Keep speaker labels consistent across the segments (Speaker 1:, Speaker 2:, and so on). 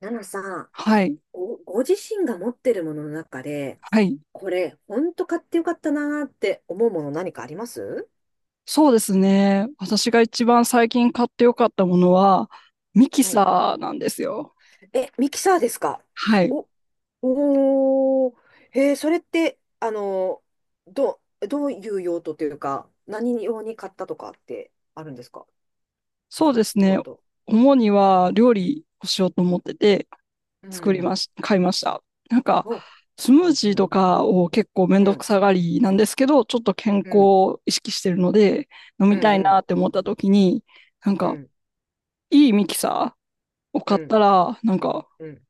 Speaker 1: ナナさん、
Speaker 2: はい、
Speaker 1: ご自身が持ってるものの中で、
Speaker 2: はい。
Speaker 1: これ、ほんと買ってよかったなーって思うもの何かあります？
Speaker 2: そうですね。私が一番最近買ってよかったものは、ミキ
Speaker 1: はい。
Speaker 2: サーなんですよ。
Speaker 1: え、ミキサーですか？
Speaker 2: はい。
Speaker 1: お、おー、それって、ー、ど、どういう用途というか、何用に買ったとかってあるんですか？なん
Speaker 2: そう
Speaker 1: か、
Speaker 2: ですね。
Speaker 1: 用途。
Speaker 2: 主には料理をしようと思ってて、
Speaker 1: う
Speaker 2: 作りま
Speaker 1: ん。
Speaker 2: し、買いました。なんか、
Speaker 1: お、
Speaker 2: スムー
Speaker 1: うん、
Speaker 2: ジ
Speaker 1: う
Speaker 2: ー
Speaker 1: ん、
Speaker 2: とかを結構めん
Speaker 1: う
Speaker 2: どく
Speaker 1: ん、
Speaker 2: さがりなんですけど、ちょっと健康
Speaker 1: うん、
Speaker 2: を意識してるので、飲
Speaker 1: う
Speaker 2: み
Speaker 1: ん、
Speaker 2: たい
Speaker 1: うん、
Speaker 2: なって思った時に、なん
Speaker 1: う
Speaker 2: か、
Speaker 1: ん、
Speaker 2: いいミキサーを
Speaker 1: う
Speaker 2: 買っ
Speaker 1: ん、
Speaker 2: たら、なんか、
Speaker 1: うん、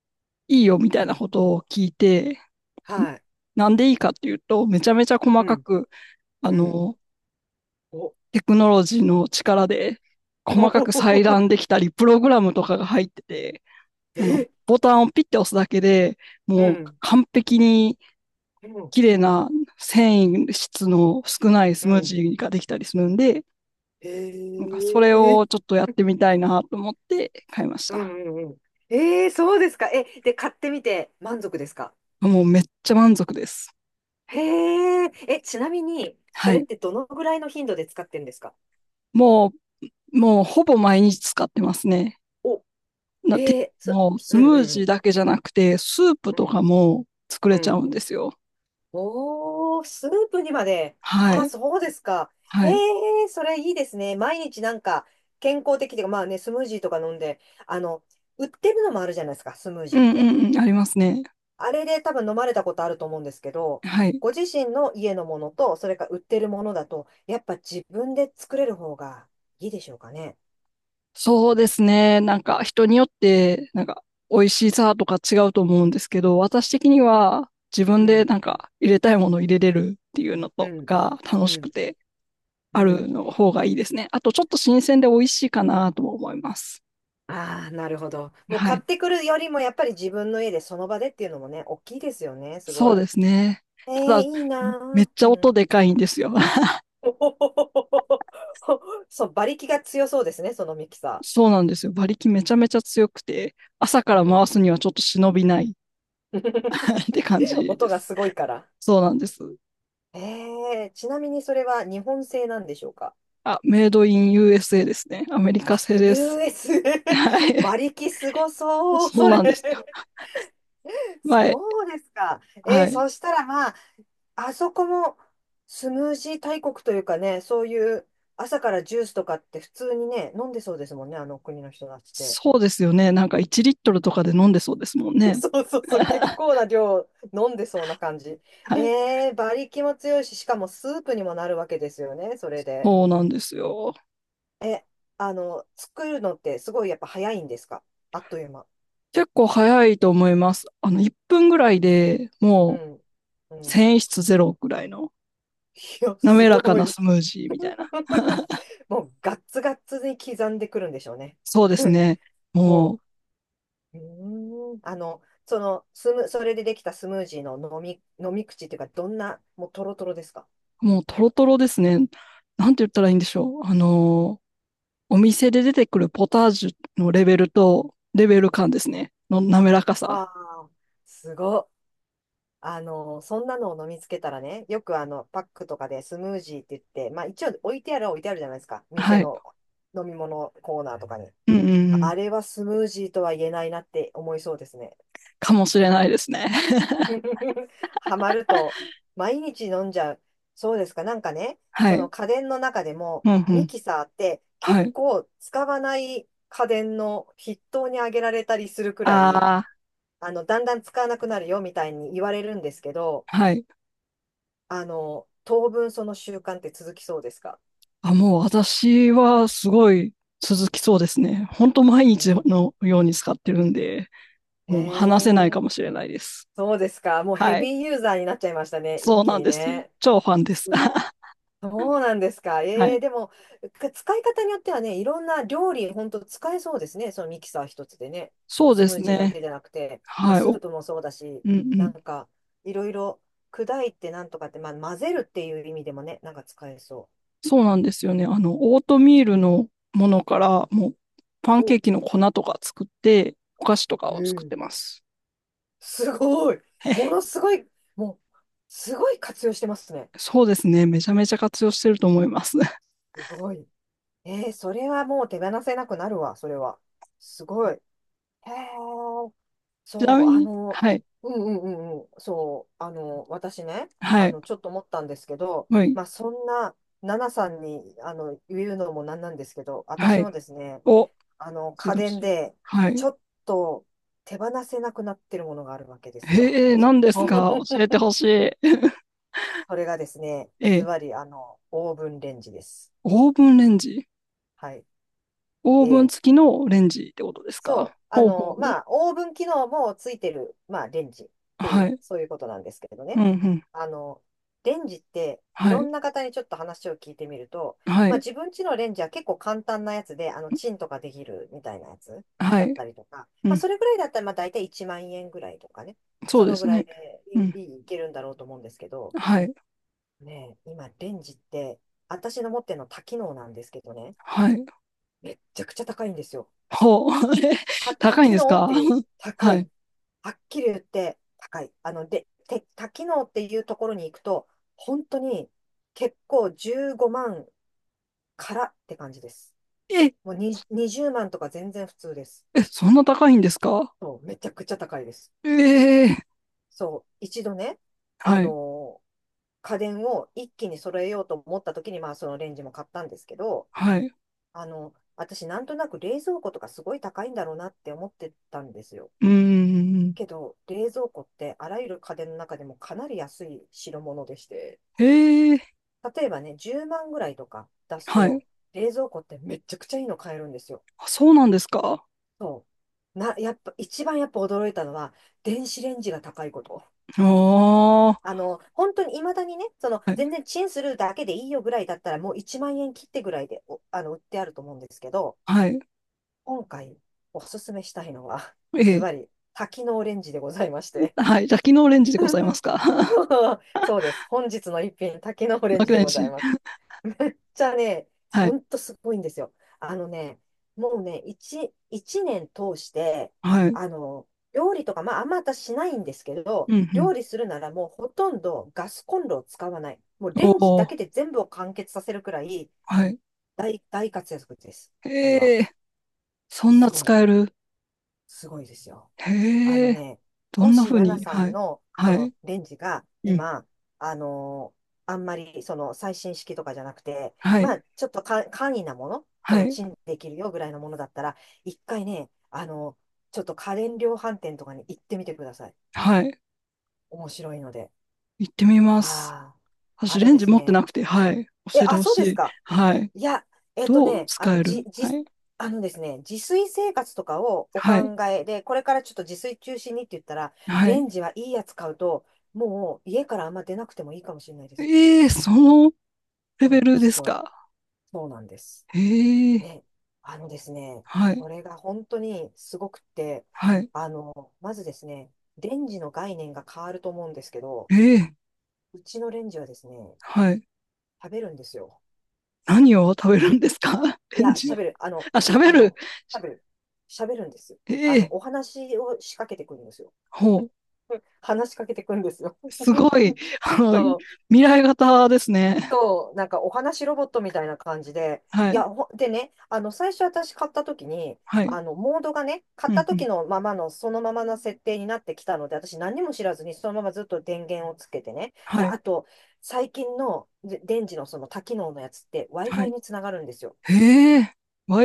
Speaker 2: いいよみたい
Speaker 1: う
Speaker 2: な
Speaker 1: ん。
Speaker 2: ことを聞いて、
Speaker 1: はい。
Speaker 2: なんでいいかっていうと、めちゃめちゃ細
Speaker 1: う
Speaker 2: か
Speaker 1: ん、
Speaker 2: く、あ
Speaker 1: うん。
Speaker 2: の、
Speaker 1: お。
Speaker 2: テクノロジーの力で、細かく裁断で きたり、プログラムとかが入ってて、
Speaker 1: え、
Speaker 2: ボタンをピッて押すだけで、
Speaker 1: う
Speaker 2: もう
Speaker 1: ん、
Speaker 2: 完璧に
Speaker 1: うん、
Speaker 2: 綺麗な繊維質の少ないス
Speaker 1: う
Speaker 2: ムー
Speaker 1: ん。
Speaker 2: ジーができたりするんで、なん
Speaker 1: え
Speaker 2: かそれ
Speaker 1: え。
Speaker 2: をちょっとやってみたいなと思って買いまし
Speaker 1: うん
Speaker 2: た。
Speaker 1: うんうん。ええ、そうですか。え、で、買ってみて満足ですか？
Speaker 2: もうめっちゃ満足です。
Speaker 1: へえ、え、ちなみに、そ
Speaker 2: は
Speaker 1: れっ
Speaker 2: い。
Speaker 1: てどのぐらいの頻度で使ってるんですか？
Speaker 2: ももうほぼ毎日使ってますね。
Speaker 1: お、
Speaker 2: な、て、
Speaker 1: ええ、
Speaker 2: もうス
Speaker 1: うん
Speaker 2: ム
Speaker 1: う
Speaker 2: ージー
Speaker 1: ん
Speaker 2: だけじゃなくて、スープ
Speaker 1: う
Speaker 2: とか
Speaker 1: ん、
Speaker 2: も作
Speaker 1: う
Speaker 2: れ
Speaker 1: ん、
Speaker 2: ち
Speaker 1: う
Speaker 2: ゃう
Speaker 1: ん。
Speaker 2: んですよ。
Speaker 1: おー、スープにまで。
Speaker 2: は
Speaker 1: ああ、
Speaker 2: い。
Speaker 1: そうですか。え
Speaker 2: はい。
Speaker 1: え、それいいですね。毎日なんか、健康的で、まあね、スムージーとか飲んで、あの、売ってるのもあるじゃないですか、スムー
Speaker 2: う
Speaker 1: ジーっ
Speaker 2: んう
Speaker 1: て。
Speaker 2: んうん、ありますね。
Speaker 1: あれで多分飲まれたことあると思うんですけど、
Speaker 2: はい。
Speaker 1: ご自身の家のものと、それから売ってるものだと、やっぱ自分で作れる方がいいでしょうかね。
Speaker 2: そうですね。なんか人によって、なんか美味しさとか違うと思うんですけど、私的には自
Speaker 1: う
Speaker 2: 分で
Speaker 1: ん、
Speaker 2: なんか入れたいものを入れれるっていうの
Speaker 1: う
Speaker 2: と
Speaker 1: ん、
Speaker 2: か楽
Speaker 1: う
Speaker 2: しく
Speaker 1: ん、
Speaker 2: て
Speaker 1: う
Speaker 2: ある
Speaker 1: ん。
Speaker 2: の方がいいですね。あとちょっと新鮮で美味しいかなとも思います。
Speaker 1: ああ、なるほど。もう
Speaker 2: は
Speaker 1: 買っ
Speaker 2: い。
Speaker 1: てくるよりも、やっぱり自分の家でその場でっていうのもね、大きいですよね、すご
Speaker 2: そ
Speaker 1: い。
Speaker 2: うですね。
Speaker 1: ええ、
Speaker 2: た
Speaker 1: い
Speaker 2: だ、
Speaker 1: いな
Speaker 2: めっ
Speaker 1: ぁ。
Speaker 2: ち
Speaker 1: う
Speaker 2: ゃ音
Speaker 1: ん。
Speaker 2: でかいんですよ。
Speaker 1: おほほほほほほそう、馬力が強そうですね、そのミキサ
Speaker 2: そうなんですよ。馬力めちゃめちゃ強くて、朝か
Speaker 1: ー。う
Speaker 2: ら回
Speaker 1: ん。
Speaker 2: すにはちょっと忍びない って感 じで
Speaker 1: 音が
Speaker 2: す。
Speaker 1: すごいから。
Speaker 2: そうなんです。
Speaker 1: ええ、ちなみにそれは日本製なんでしょうか？
Speaker 2: あ、メイドイン USA ですね。アメリカ製です。
Speaker 1: US。
Speaker 2: は い。
Speaker 1: 馬力すごそう、
Speaker 2: そう
Speaker 1: それ。
Speaker 2: なんです。はい、
Speaker 1: そうですか。
Speaker 2: はい。
Speaker 1: そしたらまあ、あそこもスムージー大国というかね、そういう朝からジュースとかって普通にね、飲んでそうですもんね、あの国の人たちって。
Speaker 2: そうですよね。なんか1リットルとかで飲んでそうですもん ね。
Speaker 1: そうそうそう、結構 な量飲んでそうな感じ。
Speaker 2: はい。
Speaker 1: 馬力も強いし、しかもスープにもなるわけですよね、それで。
Speaker 2: そうなんですよ。
Speaker 1: え、作るのってすごいやっぱ早いんですか？あっという間。
Speaker 2: 結構早いと思います。1分ぐらいで
Speaker 1: う
Speaker 2: もう、
Speaker 1: ん。うん。
Speaker 2: 繊維質ゼロぐらいの
Speaker 1: いや、す
Speaker 2: 滑らか
Speaker 1: ご
Speaker 2: な
Speaker 1: い。
Speaker 2: スムージーみたいな。
Speaker 1: もうガッツガッツに刻んでくるんでしょうね。
Speaker 2: そうです ね。も
Speaker 1: も
Speaker 2: う、
Speaker 1: う、それでできたスムージーの飲み口っていうか、どんな、もうトロトロですか？
Speaker 2: もうトロトロですね。なんて言ったらいいんでしょう。お店で出てくるポタージュのレベルと、レベル感ですね。の滑らか
Speaker 1: あ
Speaker 2: さ。
Speaker 1: あ、すごっ。そんなのを飲みつけたらね、よくパックとかでスムージーって言って、まあ一応置いてあるは置いてあるじゃないですか。店
Speaker 2: はい。
Speaker 1: の飲み物コーナーとかに。
Speaker 2: うんうんうん。
Speaker 1: あれはスムージーとは言えないなって思いそうですね。
Speaker 2: かもしれないですね。
Speaker 1: ハマると、毎日飲んじゃう。そうですか。なんかね、
Speaker 2: は
Speaker 1: その
Speaker 2: い。
Speaker 1: 家電の中でも、
Speaker 2: うんう
Speaker 1: ミ
Speaker 2: ん。
Speaker 1: キサーって
Speaker 2: は
Speaker 1: 結
Speaker 2: い。
Speaker 1: 構使わない家電の筆頭に挙げられたりするくらい、
Speaker 2: あ
Speaker 1: だんだん使わなくなるよみたいに言われるんですけど、
Speaker 2: あ、はい。
Speaker 1: 当分その習慣って続きそうですか？
Speaker 2: あ、もう私はすごい続きそうですね。本当毎日
Speaker 1: え
Speaker 2: のように使ってるんで、
Speaker 1: え
Speaker 2: もう話せないかも
Speaker 1: ー、
Speaker 2: しれないです。
Speaker 1: そうですか。もうヘ
Speaker 2: はい。
Speaker 1: ビーユーザーになっちゃいましたね。一
Speaker 2: そう
Speaker 1: 気
Speaker 2: なん
Speaker 1: に
Speaker 2: です。
Speaker 1: ね。
Speaker 2: 超ファンで
Speaker 1: す
Speaker 2: す。
Speaker 1: ご い。そうなんですか？
Speaker 2: はい。
Speaker 1: でも、使い方によってはね、いろんな料理、本当使えそうですね。そのミキサー一つでね。
Speaker 2: そう
Speaker 1: ス
Speaker 2: で
Speaker 1: ムー
Speaker 2: す
Speaker 1: ジーだけ
Speaker 2: ね。
Speaker 1: じゃなくて、まあ、
Speaker 2: はい。
Speaker 1: ス
Speaker 2: お、
Speaker 1: ープもそうだし、
Speaker 2: うんう
Speaker 1: な
Speaker 2: ん。
Speaker 1: んか、いろいろ砕いてなんとかって、まあ、混ぜるっていう意味でもね、なんか使えそ
Speaker 2: そうなんですよね。オートミールのものから、もう、パ
Speaker 1: う。
Speaker 2: ンケ
Speaker 1: お、
Speaker 2: ーキの粉とか作って、お菓子とか
Speaker 1: う
Speaker 2: を作っ
Speaker 1: ん。
Speaker 2: てます。
Speaker 1: すごい。も のすごい、もう、すごい活用してますね。
Speaker 2: そうですね。めちゃめちゃ活用してると思います。
Speaker 1: すごい。それはもう手放せなくなるわ、それは。すごい。へー
Speaker 2: ちな
Speaker 1: そう、
Speaker 2: みに、はい、
Speaker 1: うんうんうんうん、そう、私ね、
Speaker 2: はい、
Speaker 1: ちょっと思ったんですけど、
Speaker 2: はい、
Speaker 1: まあ、そんな、ナナさんに、言うのもなんなんですけど、
Speaker 2: は
Speaker 1: 私
Speaker 2: い。
Speaker 1: もですね、
Speaker 2: お、教え
Speaker 1: 家
Speaker 2: てほ
Speaker 1: 電
Speaker 2: しい。
Speaker 1: で、
Speaker 2: は
Speaker 1: ち
Speaker 2: い。
Speaker 1: ょっと手放せなくなってるものがあるわけですよ、
Speaker 2: へ
Speaker 1: こ
Speaker 2: え、
Speaker 1: ちら。
Speaker 2: 何ですか？教えて ほしい。
Speaker 1: それがですね、
Speaker 2: え
Speaker 1: ズ
Speaker 2: え、
Speaker 1: バリ、オーブンレンジです。
Speaker 2: オーブンレンジ。
Speaker 1: は
Speaker 2: オー
Speaker 1: い。
Speaker 2: ブン
Speaker 1: ええ、
Speaker 2: 付きのレンジってことです
Speaker 1: そ
Speaker 2: か？
Speaker 1: う。
Speaker 2: ほうほうほう。
Speaker 1: まあ、オーブン機能もついてる、まあ、レンジってい
Speaker 2: は
Speaker 1: う、
Speaker 2: い。
Speaker 1: そういうことなんですけれど
Speaker 2: うん
Speaker 1: ね。
Speaker 2: うん。
Speaker 1: あの、レンジって、い
Speaker 2: は
Speaker 1: ろ
Speaker 2: い。
Speaker 1: んな方にちょっと話を聞いてみると、
Speaker 2: は
Speaker 1: まあ、
Speaker 2: い。
Speaker 1: 自分家のレンジは結構簡単なやつで、チンとかできるみたいなやつ
Speaker 2: は
Speaker 1: だっ
Speaker 2: い。
Speaker 1: たりとか、
Speaker 2: う
Speaker 1: まあ、
Speaker 2: ん。
Speaker 1: それぐらいだったら、まあ、大体1万円ぐらいとかね、
Speaker 2: そう
Speaker 1: そ
Speaker 2: で
Speaker 1: のぐ
Speaker 2: す
Speaker 1: らい
Speaker 2: ね。
Speaker 1: で
Speaker 2: うん。
Speaker 1: いいけるんだろうと思うんですけど、
Speaker 2: はい。
Speaker 1: ねえ、今、レンジって、私の持ってるの多機能なんですけどね、
Speaker 2: はい。
Speaker 1: めっちゃくちゃ高いんですよ。
Speaker 2: ほう。え、
Speaker 1: 多
Speaker 2: 高いん
Speaker 1: 機
Speaker 2: です
Speaker 1: 能っ
Speaker 2: か？
Speaker 1: ていう、高
Speaker 2: は
Speaker 1: い。
Speaker 2: い。
Speaker 1: はっきり言って高い。で、多機能っていうところに行くと、本当に結構15万からって感じです。
Speaker 2: え、
Speaker 1: もうに20万とか全然普通です。
Speaker 2: え、そんな高いんですか？
Speaker 1: そう、めちゃくちゃ高いです。
Speaker 2: ええ。
Speaker 1: そう、一度ね、あ
Speaker 2: はい。
Speaker 1: のー家電を一気に揃えようと思った時に、まあそのレンジも買ったんですけど、
Speaker 2: はい。
Speaker 1: 私なんとなく冷蔵庫とかすごい高いんだろうなって思ってたんですよ。
Speaker 2: うんん
Speaker 1: けど、冷蔵庫ってあらゆる家電の中でもかなり安い代物でして、
Speaker 2: え。
Speaker 1: 例えばね、10万ぐらいとか出す
Speaker 2: は
Speaker 1: と、
Speaker 2: い。
Speaker 1: 冷蔵庫ってめちゃくちゃいいの買えるんですよ。
Speaker 2: あ、そうなんですか？
Speaker 1: そう。やっぱ、一番やっぱ驚いたのは、電子レンジが高いこと。
Speaker 2: ああ、は
Speaker 1: 本当に未だにね、全
Speaker 2: い、
Speaker 1: 然チンするだけでいいよぐらいだったら、もう1万円切ってぐらいで、おあの、売ってあると思うんですけど、
Speaker 2: はい。
Speaker 1: 今回おすすめしたいのは、
Speaker 2: え
Speaker 1: ズ
Speaker 2: え。
Speaker 1: バリ、多機能レンジでございまして。
Speaker 2: はい、じゃあ、機能レンジでございます か？
Speaker 1: そうです。本日の一品、多機能レンジ
Speaker 2: 爆
Speaker 1: で
Speaker 2: い
Speaker 1: ござい
Speaker 2: し、
Speaker 1: ます。ちゃね、
Speaker 2: は
Speaker 1: ほ
Speaker 2: い、
Speaker 1: んとすごいんですよ。あのね、もうね、一年通して、
Speaker 2: はい。
Speaker 1: 料理とか、まあ、あんま私しないんですけ
Speaker 2: う
Speaker 1: ど、
Speaker 2: んうん。
Speaker 1: 料理するならもうほとんどガスコンロを使わない。もう
Speaker 2: お
Speaker 1: レンジだけ
Speaker 2: お、
Speaker 1: で全部を完結させるくらい
Speaker 2: はい。
Speaker 1: 大活躍です。あれは。
Speaker 2: ええ、そん
Speaker 1: す
Speaker 2: な
Speaker 1: ごい。
Speaker 2: 使える。
Speaker 1: すごいですよ。あの
Speaker 2: へえ、
Speaker 1: ね、
Speaker 2: ど
Speaker 1: も
Speaker 2: んな
Speaker 1: し、
Speaker 2: 風
Speaker 1: ナナ
Speaker 2: に？
Speaker 1: さ
Speaker 2: は
Speaker 1: ん
Speaker 2: い、
Speaker 1: の、
Speaker 2: はい。
Speaker 1: レンジが、
Speaker 2: うん、
Speaker 1: 今、あんまり、最新式とかじゃなくて、
Speaker 2: は
Speaker 1: ま
Speaker 2: い、
Speaker 1: あ、ちょっとか簡易なもの、
Speaker 2: はい、
Speaker 1: チンできるよぐらいのものだったら、一回ね、ちょっと家電量販店とかに行ってみてください。
Speaker 2: はい。
Speaker 1: 面白いので。
Speaker 2: 行ってみます。
Speaker 1: ああ、あ
Speaker 2: 私、
Speaker 1: の
Speaker 2: レン
Speaker 1: で
Speaker 2: ジ
Speaker 1: す
Speaker 2: 持って
Speaker 1: ね。
Speaker 2: なくて、はい。
Speaker 1: え、
Speaker 2: 教えて
Speaker 1: あ、
Speaker 2: ほ
Speaker 1: そう
Speaker 2: し
Speaker 1: です
Speaker 2: い。
Speaker 1: か。
Speaker 2: はい。
Speaker 1: いや、えっと
Speaker 2: どう
Speaker 1: ね、あ
Speaker 2: 使
Speaker 1: の、
Speaker 2: え
Speaker 1: じ、
Speaker 2: る？は
Speaker 1: じ、
Speaker 2: い。
Speaker 1: あのですね、自炊生活とかをお
Speaker 2: はい。
Speaker 1: 考えで、これからちょっと自炊中心にって言ったら、
Speaker 2: は
Speaker 1: レ
Speaker 2: い。
Speaker 1: ンジはいいやつ買うと、もう家からあんま出なくてもいいかもしれないです。
Speaker 2: ええ、そのレ
Speaker 1: う
Speaker 2: ベ
Speaker 1: ん、
Speaker 2: ル
Speaker 1: す
Speaker 2: です
Speaker 1: ごい。
Speaker 2: か？
Speaker 1: そうなんです。
Speaker 2: ええ
Speaker 1: ね、あのですね、
Speaker 2: はい。
Speaker 1: これが本当にすごくって、
Speaker 2: はい。
Speaker 1: まずですね、レンジの概念が変わると思うんですけど、
Speaker 2: ええ
Speaker 1: うちのレンジはですね、
Speaker 2: はい。
Speaker 1: 食べるんですよ。
Speaker 2: 何を食べるんですか？
Speaker 1: い
Speaker 2: レン
Speaker 1: や、
Speaker 2: ジ
Speaker 1: 喋
Speaker 2: は。
Speaker 1: る。
Speaker 2: あ、喋
Speaker 1: あ
Speaker 2: る。
Speaker 1: の、喋る。喋るんですよ。
Speaker 2: ええ
Speaker 1: お話を仕掛けてくるんですよ。
Speaker 2: ほう。
Speaker 1: 話しかけてくるんですよ。
Speaker 2: すごい。あの、
Speaker 1: そう、
Speaker 2: 未来型ですね。
Speaker 1: そうなんかお話ロボットみたいな感じで、
Speaker 2: は
Speaker 1: い
Speaker 2: い。
Speaker 1: や、ほでね、最初私買った時に、
Speaker 2: はい。
Speaker 1: モードがね、買
Speaker 2: う
Speaker 1: った
Speaker 2: んうん。
Speaker 1: 時のままの、そのままの設定になってきたので、私何にも知らずに、そのままずっと電源をつけてね。で、
Speaker 2: はい。
Speaker 1: あと、最近ので電池のその多機能のやつって
Speaker 2: は
Speaker 1: Wi-Fi
Speaker 2: い。
Speaker 1: につながるんですよ。
Speaker 2: ええ、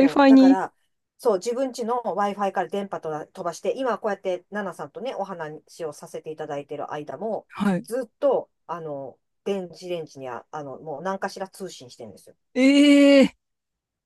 Speaker 1: そう、だか
Speaker 2: に。
Speaker 1: ら、そう、自分家の Wi-Fi から電波飛ばして、今こうやってナナさんとね、お話をさせていただいてる間も、
Speaker 2: はい。
Speaker 1: ずっと、電子レンジには、もう何かしら通信してるんですよ。
Speaker 2: ええ、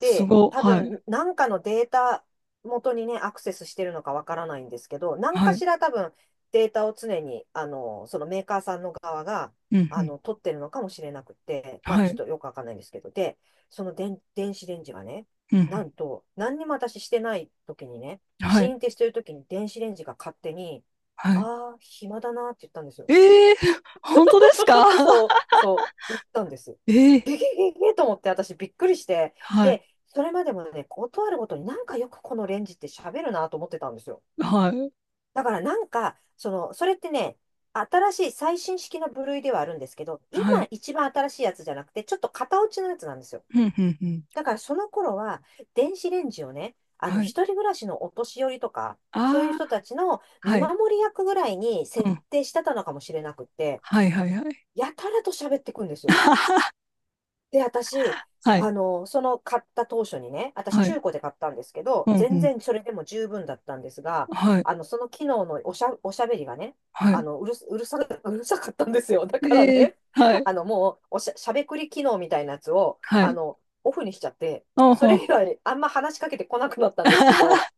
Speaker 2: すご。
Speaker 1: 多
Speaker 2: はい。
Speaker 1: 分、なんかのデータ元にね、アクセスしてるのかわからないんですけど、何
Speaker 2: は
Speaker 1: か
Speaker 2: い。
Speaker 1: しら多分、データを常に、そのメーカーさんの側が、
Speaker 2: うんうん。
Speaker 1: 取ってるのかもしれなくて、まあ、
Speaker 2: は
Speaker 1: ちょっ
Speaker 2: い。
Speaker 1: とよくわかんないんですけど、で、その電子レンジがね、
Speaker 2: うんう
Speaker 1: な
Speaker 2: ん。
Speaker 1: んと、何にも私してない時にね、
Speaker 2: は
Speaker 1: 試
Speaker 2: い、
Speaker 1: 飲ってしてる時に電子レンジが勝手に、
Speaker 2: はい。
Speaker 1: ああ、暇だなって言ったんですよ。
Speaker 2: ええ！本当ですか？
Speaker 1: そう、そう、言ったんです。
Speaker 2: ええ。
Speaker 1: ゲゲゲゲと思って私びっくりして。
Speaker 2: はい、
Speaker 1: で、それまでもね、断るごとになんかよくこのレンジって喋るなと思ってたんですよ。
Speaker 2: はい、
Speaker 1: だからなんか、それってね、新しい最新式の部類ではあるんですけど、
Speaker 2: は
Speaker 1: 今
Speaker 2: い。
Speaker 1: 一番新しいやつじゃなくて、ちょっと型落ちのやつなんですよ。
Speaker 2: ふんふんふん。
Speaker 1: だからその頃は、電子レンジをね、
Speaker 2: はい。
Speaker 1: 一人暮らしのお年寄りとか、そういう
Speaker 2: あ
Speaker 1: 人
Speaker 2: あ、
Speaker 1: たちの見
Speaker 2: はい。
Speaker 1: 守り役ぐらいに
Speaker 2: う
Speaker 1: 設
Speaker 2: ん。
Speaker 1: 定してたのかもしれなくって、
Speaker 2: はいはいはい。
Speaker 1: やたらと喋ってくんですよ。で、私、
Speaker 2: はい、
Speaker 1: その買った当初にね、私
Speaker 2: はい。
Speaker 1: 中古で買ったんですけ
Speaker 2: う
Speaker 1: ど、
Speaker 2: ん、うんうん
Speaker 1: 全
Speaker 2: うん
Speaker 1: 然それでも十分だったんですが、
Speaker 2: はい、
Speaker 1: その機能のおしゃべりがね、
Speaker 2: は
Speaker 1: あ
Speaker 2: い。
Speaker 1: の、うるす、うるさ、うるさかったんですよ。だから
Speaker 2: ええ、
Speaker 1: ね、
Speaker 2: は い、
Speaker 1: もう、おしゃ、しゃべくり機能みたいなやつを、
Speaker 2: はい。
Speaker 1: オフにしちゃって、
Speaker 2: ああ、
Speaker 1: それ以
Speaker 2: は
Speaker 1: 外、あんま話しかけてこなくなったんですけど、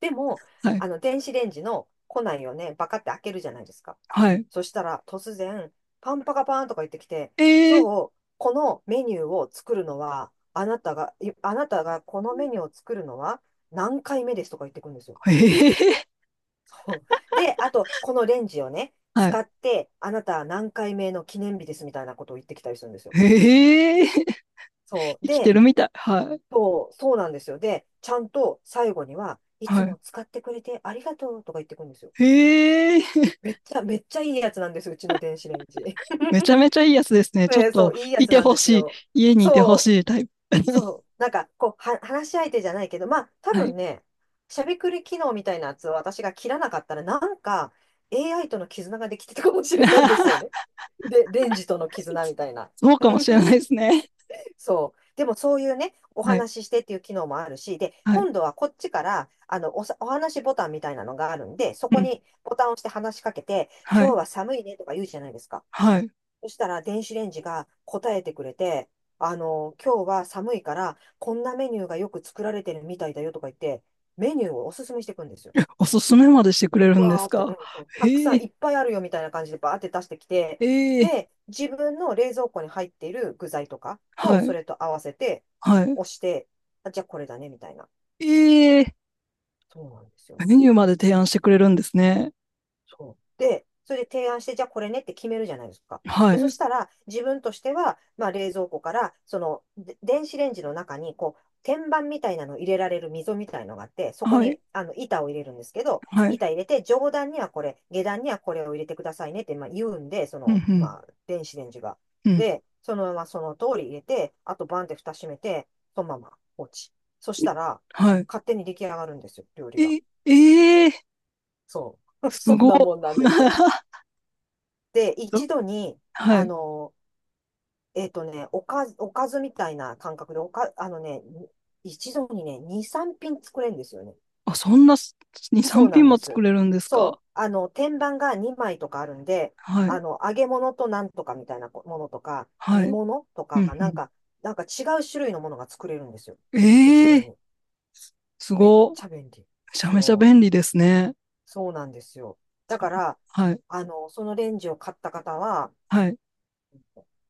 Speaker 1: でも、
Speaker 2: あ はい、
Speaker 1: 電子レンジの庫内をね、バカって開けるじゃないですか。
Speaker 2: はい。
Speaker 1: そしたら、突然、パンパカパーンとか言ってきて、
Speaker 2: え
Speaker 1: 今
Speaker 2: え。
Speaker 1: 日、このメニューを作るのは、あなたが、いあなたがこのメニューを作るのは何回目ですとか言ってくるんですよ。
Speaker 2: ええ、
Speaker 1: で、あと、このレンジを
Speaker 2: はいうんうん
Speaker 1: ね、
Speaker 2: はいは
Speaker 1: 使
Speaker 2: い
Speaker 1: って、あなたは何回目の記念日ですみたいなことを言ってきたりする
Speaker 2: ええはいはいあはあはいはいええええは
Speaker 1: んですよ。
Speaker 2: いへえ、
Speaker 1: そう。
Speaker 2: 生きて
Speaker 1: で、
Speaker 2: るみたい。はい、
Speaker 1: そう、そうなんですよ。で、ちゃんと最後には、い
Speaker 2: は
Speaker 1: つ
Speaker 2: い。
Speaker 1: も使ってくれてありがとうとか言ってくるんですよ。
Speaker 2: へえ。
Speaker 1: めっちゃ、めっちゃいいやつなんです、うちの電子レンジ。
Speaker 2: めちゃめちゃいいやつですね。ちょっ
Speaker 1: ね、そ
Speaker 2: と、
Speaker 1: う、いいや
Speaker 2: い
Speaker 1: つ
Speaker 2: て
Speaker 1: なん
Speaker 2: ほ
Speaker 1: です
Speaker 2: しい。
Speaker 1: よ。
Speaker 2: 家にいてほ
Speaker 1: そう、
Speaker 2: しいタイプ。
Speaker 1: そう。なんか、こう、話し相手じゃないけど、まあ、多
Speaker 2: はい。
Speaker 1: 分ね、しゃべくり機能みたいなやつを私が切らなかったら、なんか、AI との絆ができてたかもしれないですよね。で、レンジとの絆みたいな。
Speaker 2: そうかもしれな いですね。
Speaker 1: そう。でもそういうね、お
Speaker 2: はい。
Speaker 1: 話ししてっていう機能もあるし、で、
Speaker 2: はい。
Speaker 1: 今度はこっちから、お話ボタンみたいなのがあるんで、そ
Speaker 2: う
Speaker 1: こ
Speaker 2: ん。
Speaker 1: にボタンを押して話しかけて、
Speaker 2: は
Speaker 1: 今日
Speaker 2: い。
Speaker 1: は寒いねとか言うじゃないですか。
Speaker 2: はい。
Speaker 1: そしたら電子レンジが答えてくれて、今日は寒いから、こんなメニューがよく作られてるみたいだよとか言って、メニューをおすすめしていくんですよ。
Speaker 2: おすすめまでしてくれるんで
Speaker 1: わ
Speaker 2: す
Speaker 1: ーって、う
Speaker 2: か？
Speaker 1: ん、そうたくさ
Speaker 2: へ
Speaker 1: んい
Speaker 2: え。
Speaker 1: っぱいあるよみたいな感じでバーって出してきて、
Speaker 2: ええ。
Speaker 1: で、自分の冷蔵庫に入っている具材とかと、
Speaker 2: は
Speaker 1: そ
Speaker 2: い。
Speaker 1: れと合わせて、
Speaker 2: は
Speaker 1: 押して、あ、じゃあこれだね、みたいな。
Speaker 2: い。ええ。
Speaker 1: そうなんですよ。
Speaker 2: メニューまで提案してくれるんですね。
Speaker 1: そうで、それで提案して、じゃあこれねって決めるじゃないですか。
Speaker 2: は
Speaker 1: で、そ
Speaker 2: い。
Speaker 1: したら、自分としては、まあ、冷蔵庫から、その、で電子レンジの中に、こう、天板みたいなのを入れられる溝みたいのがあって、そこ
Speaker 2: はい。
Speaker 1: に、板を入れるんですけど、
Speaker 2: はい。
Speaker 1: 板入れて、上段にはこれ、下段にはこれを入れてくださいねって、まあ、言うんで、そ
Speaker 2: うん
Speaker 1: の、
Speaker 2: う
Speaker 1: まあ、電子レンジが。
Speaker 2: ん。うん。
Speaker 1: で、そのままその通り入れて、あとバンって蓋閉めて、そのまま放置。そしたら、
Speaker 2: は
Speaker 1: 勝手に出来上がるんですよ、料理が。
Speaker 2: い。え、ええ、
Speaker 1: そう。
Speaker 2: す
Speaker 1: そん
Speaker 2: ごっ。
Speaker 1: なもんなんです。で、
Speaker 2: ど
Speaker 1: 一度に、
Speaker 2: は
Speaker 1: あ
Speaker 2: い。
Speaker 1: の、おかずみたいな感覚で、おか、あのね、一度にね、2、3品作れるんですよね。
Speaker 2: あ、そんな2、
Speaker 1: そう
Speaker 2: 3
Speaker 1: な
Speaker 2: 品
Speaker 1: んで
Speaker 2: も作
Speaker 1: す。
Speaker 2: れるんです
Speaker 1: そ
Speaker 2: か？
Speaker 1: う。天板が2枚とかあるんで、
Speaker 2: はい。
Speaker 1: 揚げ物となんとかみたいなものとか、
Speaker 2: は
Speaker 1: 煮
Speaker 2: い。
Speaker 1: 物と
Speaker 2: うん
Speaker 1: か、なん
Speaker 2: う
Speaker 1: か、なんか違う種類のものが作れるんですよ。一度
Speaker 2: ん。ええ、
Speaker 1: に。
Speaker 2: す
Speaker 1: めっ
Speaker 2: ご。
Speaker 1: ちゃ便利。
Speaker 2: めちゃめちゃ
Speaker 1: そう。
Speaker 2: 便利ですね。
Speaker 1: そうなんですよ。
Speaker 2: そ
Speaker 1: だから、
Speaker 2: はい。
Speaker 1: そのレンジを買った方は、
Speaker 2: はい。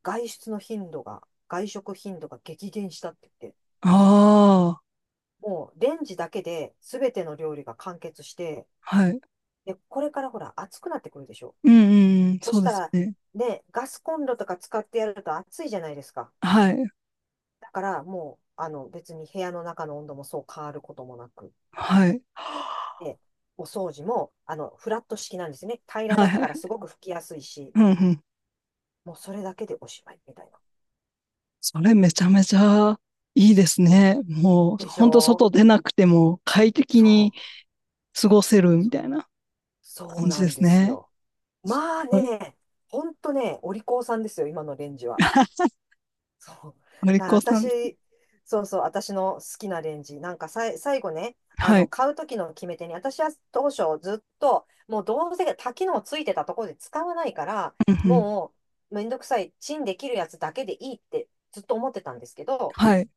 Speaker 1: 外出の頻度が、外食頻度が激減したって言って、
Speaker 2: ああ、
Speaker 1: もうレンジだけで全ての料理が完結して、
Speaker 2: はい。
Speaker 1: で、これからほら暑くなってくるでしょ。
Speaker 2: うんうんうん。
Speaker 1: そ
Speaker 2: そ
Speaker 1: し
Speaker 2: うで
Speaker 1: た
Speaker 2: す
Speaker 1: ら、
Speaker 2: ね。
Speaker 1: ね、ガスコンロとか使ってやると暑いじゃないですか。
Speaker 2: はい。
Speaker 1: だからもう、別に部屋の中の温度もそう変わることもなく、
Speaker 2: はい。
Speaker 1: で、お掃除も、フラット式なんですね。平ら
Speaker 2: はい
Speaker 1: だ
Speaker 2: はい
Speaker 1: から
Speaker 2: は
Speaker 1: す
Speaker 2: い。
Speaker 1: ごく拭きやすいし、
Speaker 2: うんうん。
Speaker 1: もうそれだけでおしまいみたいな。
Speaker 2: それめちゃめちゃいいです
Speaker 1: ね、
Speaker 2: ね。もう、
Speaker 1: でし
Speaker 2: ほんと
Speaker 1: ょう。
Speaker 2: 外出なくても快適
Speaker 1: そ
Speaker 2: に
Speaker 1: う、
Speaker 2: 過ごせるみたいな
Speaker 1: そ
Speaker 2: 感
Speaker 1: う
Speaker 2: じ
Speaker 1: な
Speaker 2: で
Speaker 1: ん
Speaker 2: す
Speaker 1: です
Speaker 2: ね。
Speaker 1: よ。まあ
Speaker 2: はい。
Speaker 1: ね、ほんとね、お利口さんですよ、今のレンジは。そう。
Speaker 2: お利
Speaker 1: だから
Speaker 2: 口さん。
Speaker 1: 私、そうそう、私の好きなレンジ。なんか最後ね、
Speaker 2: はい。
Speaker 1: 買う時の決め手に、私は当初ずっと、もうどうせ多機能ついてたところで使わないから、
Speaker 2: うんうん。
Speaker 1: もうめんどくさい、チンできるやつだけでいいってずっと思ってたんですけど、
Speaker 2: はい。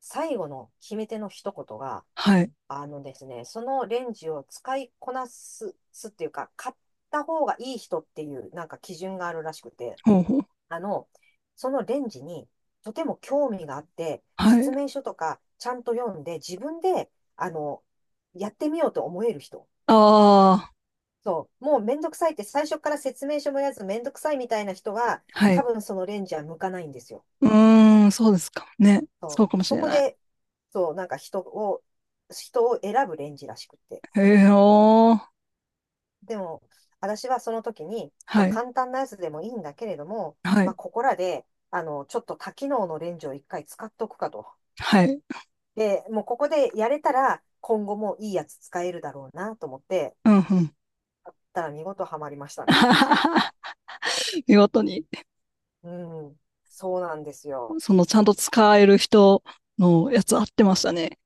Speaker 1: 最後の決め手の一言が、
Speaker 2: はい。
Speaker 1: あのですね、そのレンジを使いこなす、すっていうか、買った方がいい人っていうなんか基準があるらしくて、
Speaker 2: ほうほう。
Speaker 1: あの、そのレンジにとても興味があって、
Speaker 2: は
Speaker 1: 説
Speaker 2: い。
Speaker 1: 明書とかちゃんと読んで、自分で、あの、やってみようと思える人。
Speaker 2: ああ、
Speaker 1: そう、もうめんどくさいって最初から説明書もやらずめんどくさいみたいな人は、
Speaker 2: は
Speaker 1: 多
Speaker 2: い。
Speaker 1: 分そのレンジは向かないんですよ。
Speaker 2: うーん、そうですかもね。そ
Speaker 1: そう、
Speaker 2: うかもし
Speaker 1: そ
Speaker 2: れ
Speaker 1: こ
Speaker 2: ない。
Speaker 1: で、そう、なんか人を、選ぶレンジらしくて。
Speaker 2: へえ、おー。
Speaker 1: でも、私はその時に、
Speaker 2: は
Speaker 1: まあ、
Speaker 2: い。
Speaker 1: 簡単なやつでもいいんだけれども、
Speaker 2: は
Speaker 1: ま
Speaker 2: い。
Speaker 1: あ、ここらで、ちょっと多機能のレンジを一回使っとくかと。
Speaker 2: はい。
Speaker 1: で、もうここでやれたら、今後もいいやつ使えるだろうなと思って、
Speaker 2: うん、うん。
Speaker 1: やったら見事ハマりましたね、私。
Speaker 2: 見事に、
Speaker 1: うん、そうなんですよ。
Speaker 2: ちゃんと使える人のやつ合ってましたね。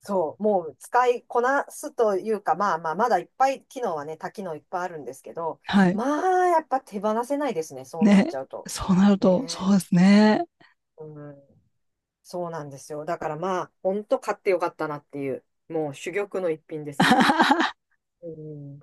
Speaker 1: そう、もう使いこなすというか、まあまあ、まだいっぱい機能はね、多機能いっぱいあるんですけど、
Speaker 2: はい。
Speaker 1: まあ、やっぱ手放せないですね、そうなっち
Speaker 2: ね。
Speaker 1: ゃうと。
Speaker 2: そうなると、そ
Speaker 1: ね
Speaker 2: うですね。
Speaker 1: え、うん。そうなんですよ。だからまあ、ほんと買ってよかったなっていう、もう珠玉の一品ですね。うん。